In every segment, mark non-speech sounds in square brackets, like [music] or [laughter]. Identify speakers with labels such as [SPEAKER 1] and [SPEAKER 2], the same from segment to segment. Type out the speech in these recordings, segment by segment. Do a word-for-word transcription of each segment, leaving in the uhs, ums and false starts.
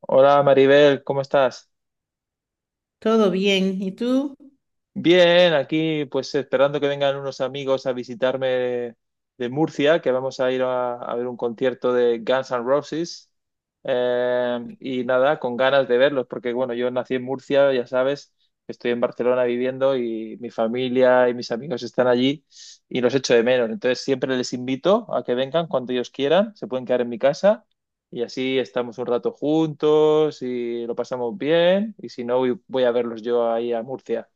[SPEAKER 1] Hola Maribel, ¿cómo estás?
[SPEAKER 2] Todo bien, ¿y tú?
[SPEAKER 1] Bien, aquí pues esperando que vengan unos amigos a visitarme de, de Murcia, que vamos a ir a, a ver un concierto de Guns N' Roses. Eh, y nada, con ganas de verlos, porque bueno, yo nací en Murcia, ya sabes, estoy en Barcelona viviendo y mi familia y mis amigos están allí y los echo de menos. Entonces siempre les invito a que vengan cuando ellos quieran, se pueden quedar en mi casa y así estamos un rato juntos y lo pasamos bien. Y si no, voy voy a verlos yo ahí a Murcia.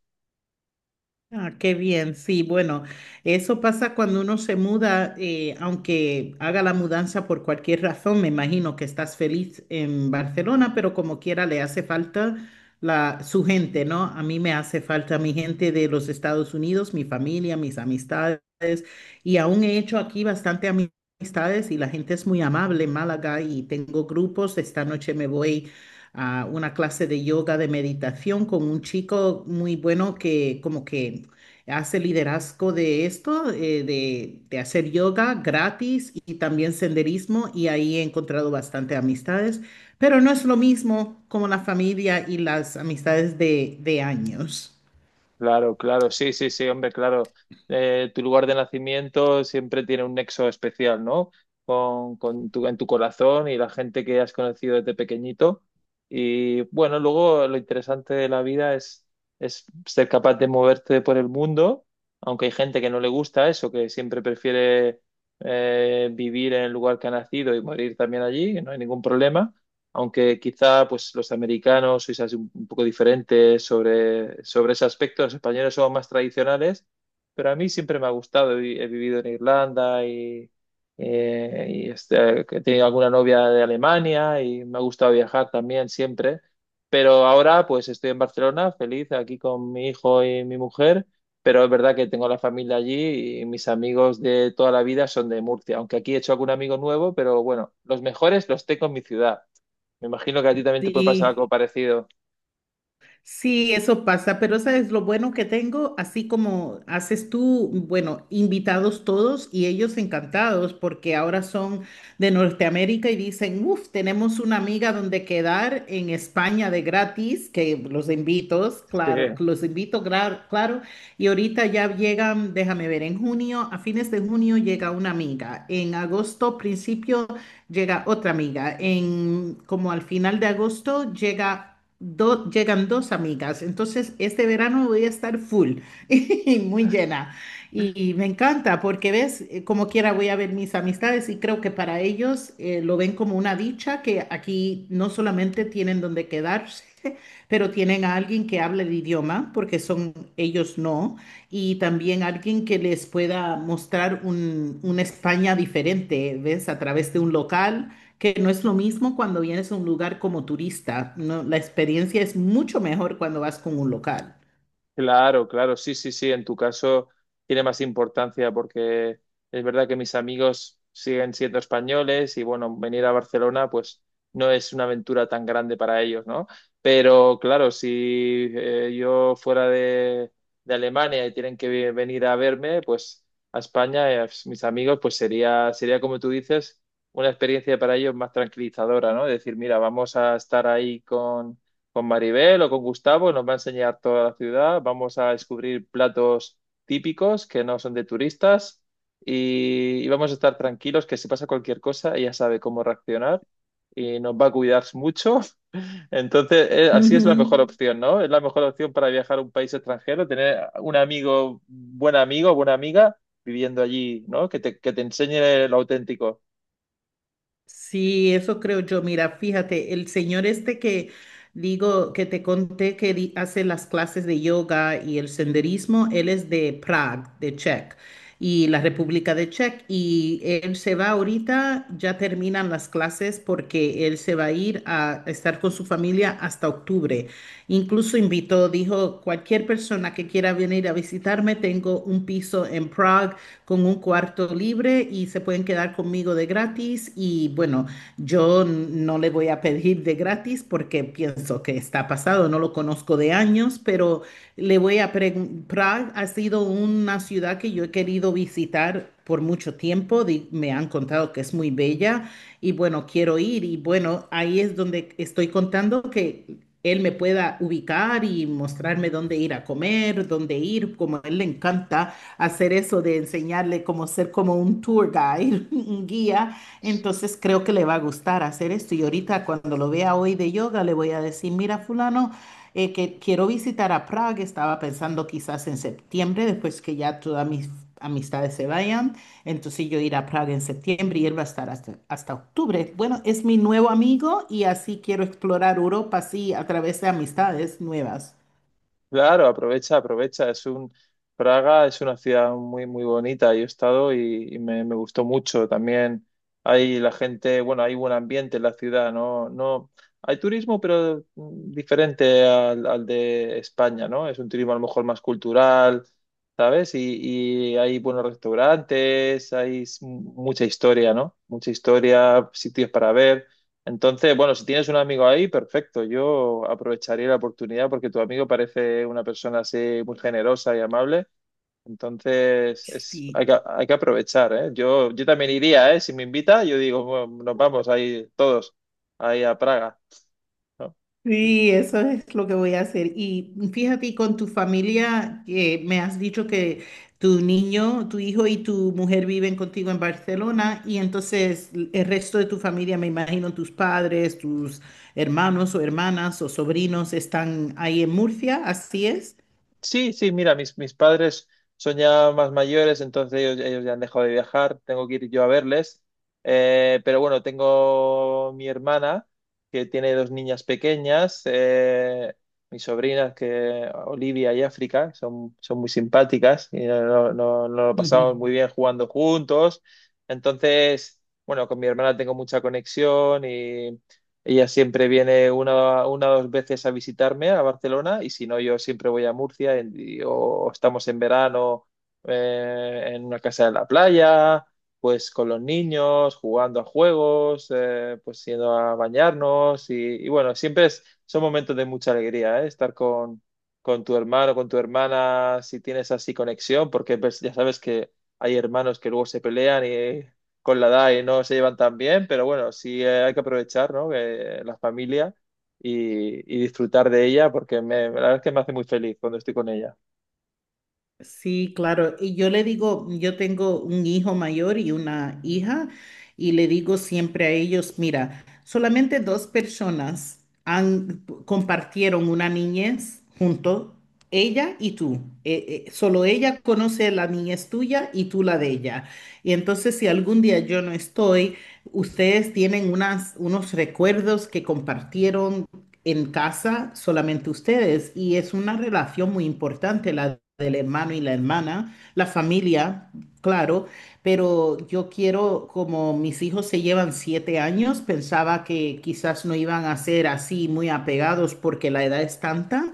[SPEAKER 2] Ah, qué bien, sí, bueno, eso pasa cuando uno se muda, eh, aunque haga la mudanza por cualquier razón, me imagino que estás feliz en Barcelona, pero como quiera le hace falta la, su gente, ¿no? A mí me hace falta mi gente de los Estados Unidos, mi familia, mis amistades, y aún he hecho aquí bastante ami- amistades y la gente es muy amable en Málaga y tengo grupos, esta noche me voy a una clase de yoga, de meditación con un chico muy bueno que como que hace liderazgo de esto, eh, de, de hacer yoga gratis y también senderismo y ahí he encontrado bastante amistades, pero no es lo mismo como la familia y las amistades de, de años.
[SPEAKER 1] Claro, claro, sí, sí, sí, hombre, claro. Eh, tu lugar de nacimiento siempre tiene un nexo especial, ¿no? Con, con tu, en tu corazón y la gente que has conocido desde pequeñito. Y bueno, luego lo interesante de la vida es, es ser capaz de moverte por el mundo, aunque hay gente que no le gusta eso, que siempre prefiere eh, vivir en el lugar que ha nacido y morir también allí, que no hay ningún problema. Aunque quizá pues, los americanos sois así un un poco diferentes sobre, sobre ese aspecto, los españoles somos más tradicionales, pero a mí siempre me ha gustado. He, vi- he vivido en Irlanda y, eh, y, este, he tenido alguna novia de Alemania y me ha gustado viajar también siempre. Pero ahora pues estoy en Barcelona, feliz aquí con mi hijo y mi mujer, pero es verdad que tengo la familia allí y mis amigos de toda la vida son de Murcia, aunque aquí he hecho algún amigo nuevo, pero bueno, los mejores los tengo en mi ciudad. Me imagino que a ti también te puede pasar
[SPEAKER 2] Sí.
[SPEAKER 1] algo parecido.
[SPEAKER 2] Sí, eso pasa, pero sabes lo bueno que tengo, así como haces tú, bueno, invitados todos y ellos encantados porque ahora son de Norteamérica y dicen, uff, tenemos una amiga donde quedar en España de gratis, que los invito,
[SPEAKER 1] Sí,
[SPEAKER 2] claro, los invito, gra- claro, y ahorita ya llegan, déjame ver, en junio, a fines de junio llega una amiga, en agosto, principio, llega otra amiga, en como al final de agosto llega do- llegan dos amigas, entonces este verano voy a estar full [laughs] y muy llena. Y me encanta porque ves, Eh, como quiera voy a ver mis amistades y creo que para ellos eh, lo ven como una dicha que aquí no solamente tienen donde quedarse, pero tienen a alguien que hable el idioma, porque son ellos no, y también alguien que les pueda mostrar un, una España diferente, ¿ves? A través de un local, que no es lo mismo cuando vienes a un lugar como turista, ¿no? La experiencia es mucho mejor cuando vas con un local.
[SPEAKER 1] claro, claro, sí, sí, sí. En tu caso tiene más importancia porque es verdad que mis amigos siguen siendo españoles y bueno, venir a Barcelona pues no es una aventura tan grande para ellos, ¿no? Pero claro, si eh, yo fuera de, de Alemania y tienen que ve- venir a verme, pues a España, eh, pues, mis amigos, pues sería, sería como tú dices, una experiencia para ellos más tranquilizadora, ¿no? Decir, mira, vamos a estar ahí con con Maribel o con Gustavo, nos va a enseñar toda la ciudad, vamos a descubrir platos típicos que no son de turistas y, y vamos a estar tranquilos que si pasa cualquier cosa ella sabe cómo reaccionar y nos va a cuidar mucho. [laughs] Entonces, eh, así es
[SPEAKER 2] Ujú.
[SPEAKER 1] la mejor opción, ¿no? Es la mejor opción para viajar a un país extranjero, tener un amigo, buen amigo, buena amiga viviendo allí, ¿no? Que te, que te enseñe lo auténtico.
[SPEAKER 2] Sí, eso creo yo. Mira, fíjate, el señor este que digo, que te conté que di- hace las clases de yoga y el senderismo, él es de Prague, de Czech, y la República de Czech, y él se va ahorita, ya terminan las clases porque él se va a ir a estar con su familia hasta octubre. Incluso invitó, dijo, cualquier persona que quiera venir a visitarme, tengo un piso en Prague con un cuarto libre y se pueden quedar conmigo de gratis. Y bueno, yo no le voy a pedir de gratis porque pienso que está pasado, no lo conozco de años, pero le voy a preguntar, ha sido una ciudad que yo he querido visitar por mucho tiempo, di- me han contado que es muy bella y bueno, quiero ir y bueno, ahí es donde estoy contando que él me pueda ubicar y mostrarme dónde ir a comer, dónde ir, como a él le encanta hacer eso de enseñarle como ser como un tour guide, [laughs] un guía, entonces creo que le va a gustar hacer esto. Y ahorita cuando lo vea hoy de yoga, le voy a decir, mira fulano, eh, que quiero visitar a Praga, estaba pensando quizás en septiembre, después que ya todas mis amistades se vayan, entonces yo ir a Praga en septiembre y él va a estar hasta, hasta octubre. Bueno, es mi nuevo amigo y así quiero explorar Europa, sí, a través de amistades nuevas.
[SPEAKER 1] Claro, aprovecha, aprovecha. Es un Praga es una ciudad muy, muy bonita. Yo he estado y, y me, me gustó mucho. También hay la gente, bueno, hay buen ambiente en la ciudad, ¿no? No, hay turismo, pero mm, diferente al, al de España, ¿no? Es un turismo a lo mejor más cultural, ¿sabes? Y, y hay buenos restaurantes, hay s- mucha historia, ¿no? Mucha historia, sitios para ver. Entonces, bueno, si tienes un amigo ahí, perfecto. Yo aprovecharía la oportunidad porque tu amigo parece una persona así muy generosa y amable. Entonces, es,
[SPEAKER 2] Sí,
[SPEAKER 1] hay que, hay que aprovechar, ¿eh? Yo, yo también iría, ¿eh? Si me invita, yo digo, bueno, nos vamos ahí todos, ahí a Praga, ¿no?
[SPEAKER 2] Sí, eso es lo que voy a hacer. Y fíjate, y con tu familia, que me has dicho que tu niño, tu hijo y tu mujer viven contigo en Barcelona, y entonces el resto de tu familia, me imagino tus padres, tus hermanos o hermanas o sobrinos están ahí en Murcia, ¿así es?
[SPEAKER 1] Sí, sí, mira, mis, mis padres son ya más mayores, entonces ellos, ellos ya han dejado de viajar, tengo que ir yo a verles. Eh, pero bueno, tengo mi hermana que tiene dos niñas pequeñas, eh, mis sobrinas que Olivia y África, son, son muy simpáticas y no, no, no no lo pasamos muy
[SPEAKER 2] [laughs]
[SPEAKER 1] bien jugando juntos. Entonces, bueno, con mi hermana tengo mucha conexión, ella siempre viene una, una o dos veces a visitarme a Barcelona y si no, yo siempre voy a Murcia en- y- o estamos en verano, eh, en una casa de la playa, pues con los niños, jugando a juegos, eh, pues yendo a bañarnos y, y bueno, siempre es- son momentos de mucha alegría, ¿eh? Estar con, con tu hermano, con tu hermana, si tienes así conexión, porque pues, ya sabes que hay hermanos que luego se pelean y con la edad y no se llevan tan bien, pero bueno, sí, eh, hay que aprovechar, ¿no? Que la familia y, y disfrutar de ella porque me, la verdad es que me hace muy feliz cuando estoy con ella.
[SPEAKER 2] Sí, claro. Y yo le digo, yo tengo un hijo mayor y una hija, y le digo siempre a ellos, mira, solamente dos personas han, compartieron una niñez junto, ella y tú. Eh, eh, solo ella conoce la niñez tuya y tú la de ella. Y entonces, si algún día yo no estoy, ustedes tienen unas, unos recuerdos que compartieron en casa solamente ustedes y es una relación muy importante la del hermano y la hermana, la familia, claro, pero yo quiero, como mis hijos se llevan siete años, pensaba que quizás no iban a ser así muy apegados porque la edad es tanta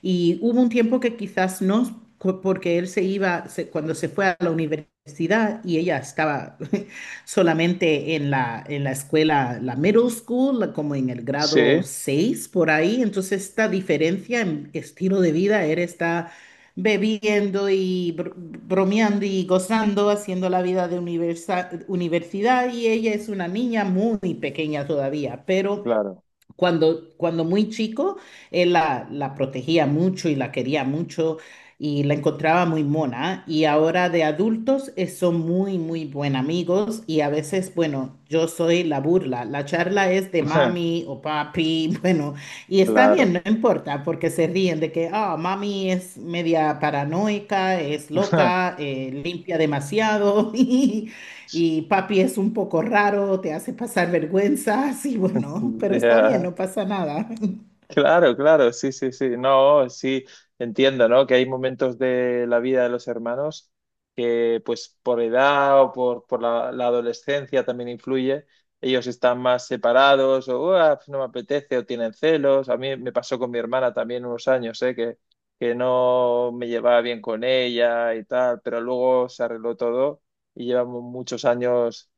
[SPEAKER 2] y hubo un tiempo que quizás no, cu- porque él se iba, se- cuando se fue a la universidad y ella estaba [laughs] solamente en la, en la escuela, la middle school, la- como en el grado
[SPEAKER 1] Sí,
[SPEAKER 2] seis por ahí. Entonces esta diferencia en estilo de vida, él está bebiendo y br- bromeando y gozando, haciendo la vida de universa- universidad y ella es una niña muy pequeña todavía, pero...
[SPEAKER 1] claro,
[SPEAKER 2] Cuando, cuando muy chico, él la, la protegía mucho y la quería mucho y la encontraba muy mona. Y ahora de adultos eh, son muy, muy buen amigos y a veces, bueno, yo soy la burla. La charla es de mami o papi, [laughs] bueno,
[SPEAKER 1] [laughs]
[SPEAKER 2] y está
[SPEAKER 1] claro.
[SPEAKER 2] bien, no importa, porque se ríen de que, ah, mami es media paranoica, es loca,
[SPEAKER 1] [laughs]
[SPEAKER 2] eh, limpia demasiado [laughs] y, y papi es un poco raro, te hace pasar vergüenza sí bueno, pero está bien,
[SPEAKER 1] Ya.
[SPEAKER 2] no pasa nada.
[SPEAKER 1] Claro, claro, sí, sí, sí. No, sí, entiendo, ¿no? Que hay momentos de la vida de los hermanos que, pues, por edad o por, por la, la adolescencia también influye. Ellos están más separados o "Uah, pues, no me apetece o tienen celos. A mí me pasó con mi hermana también unos años, ¿eh? Que, que no me llevaba bien con ella y tal, pero luego se arregló todo y llevamos muchos años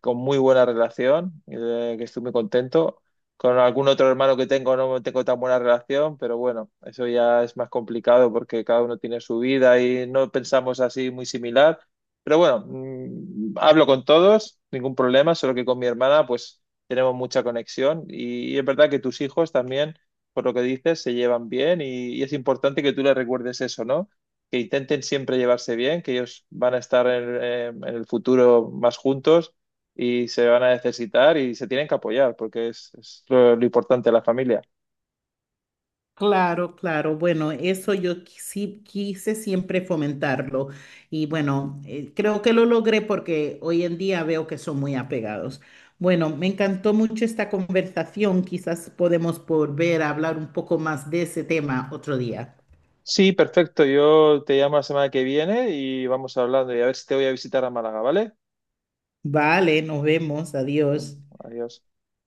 [SPEAKER 1] con muy buena relación, eh, que estoy muy contento. Con algún otro hermano que tengo no tengo tan buena relación, pero bueno, eso ya es más complicado porque cada uno tiene su vida y no pensamos así muy similar. Pero bueno, mm, hablo con todos, ningún problema, solo que con mi hermana pues tenemos mucha conexión y, y es verdad que tus hijos también, por lo que dices, se llevan bien y, y es importante que tú les recuerdes eso, ¿no? Que intenten siempre llevarse bien, que ellos van a estar en en- en el futuro más juntos y se van a necesitar y se tienen que apoyar porque es, es lo, lo importante de la familia.
[SPEAKER 2] Claro, claro. Bueno, eso yo qui- sí quise siempre fomentarlo y bueno, eh, creo que lo logré porque hoy en día veo que son muy apegados. Bueno, me encantó mucho esta conversación. Quizás podemos volver a hablar un poco más de ese tema otro día.
[SPEAKER 1] Sí, perfecto. Yo te llamo la semana que viene y vamos hablando y a ver si te voy a visitar a Málaga, ¿vale?
[SPEAKER 2] Vale, nos vemos.
[SPEAKER 1] Mm,
[SPEAKER 2] Adiós.
[SPEAKER 1] adiós.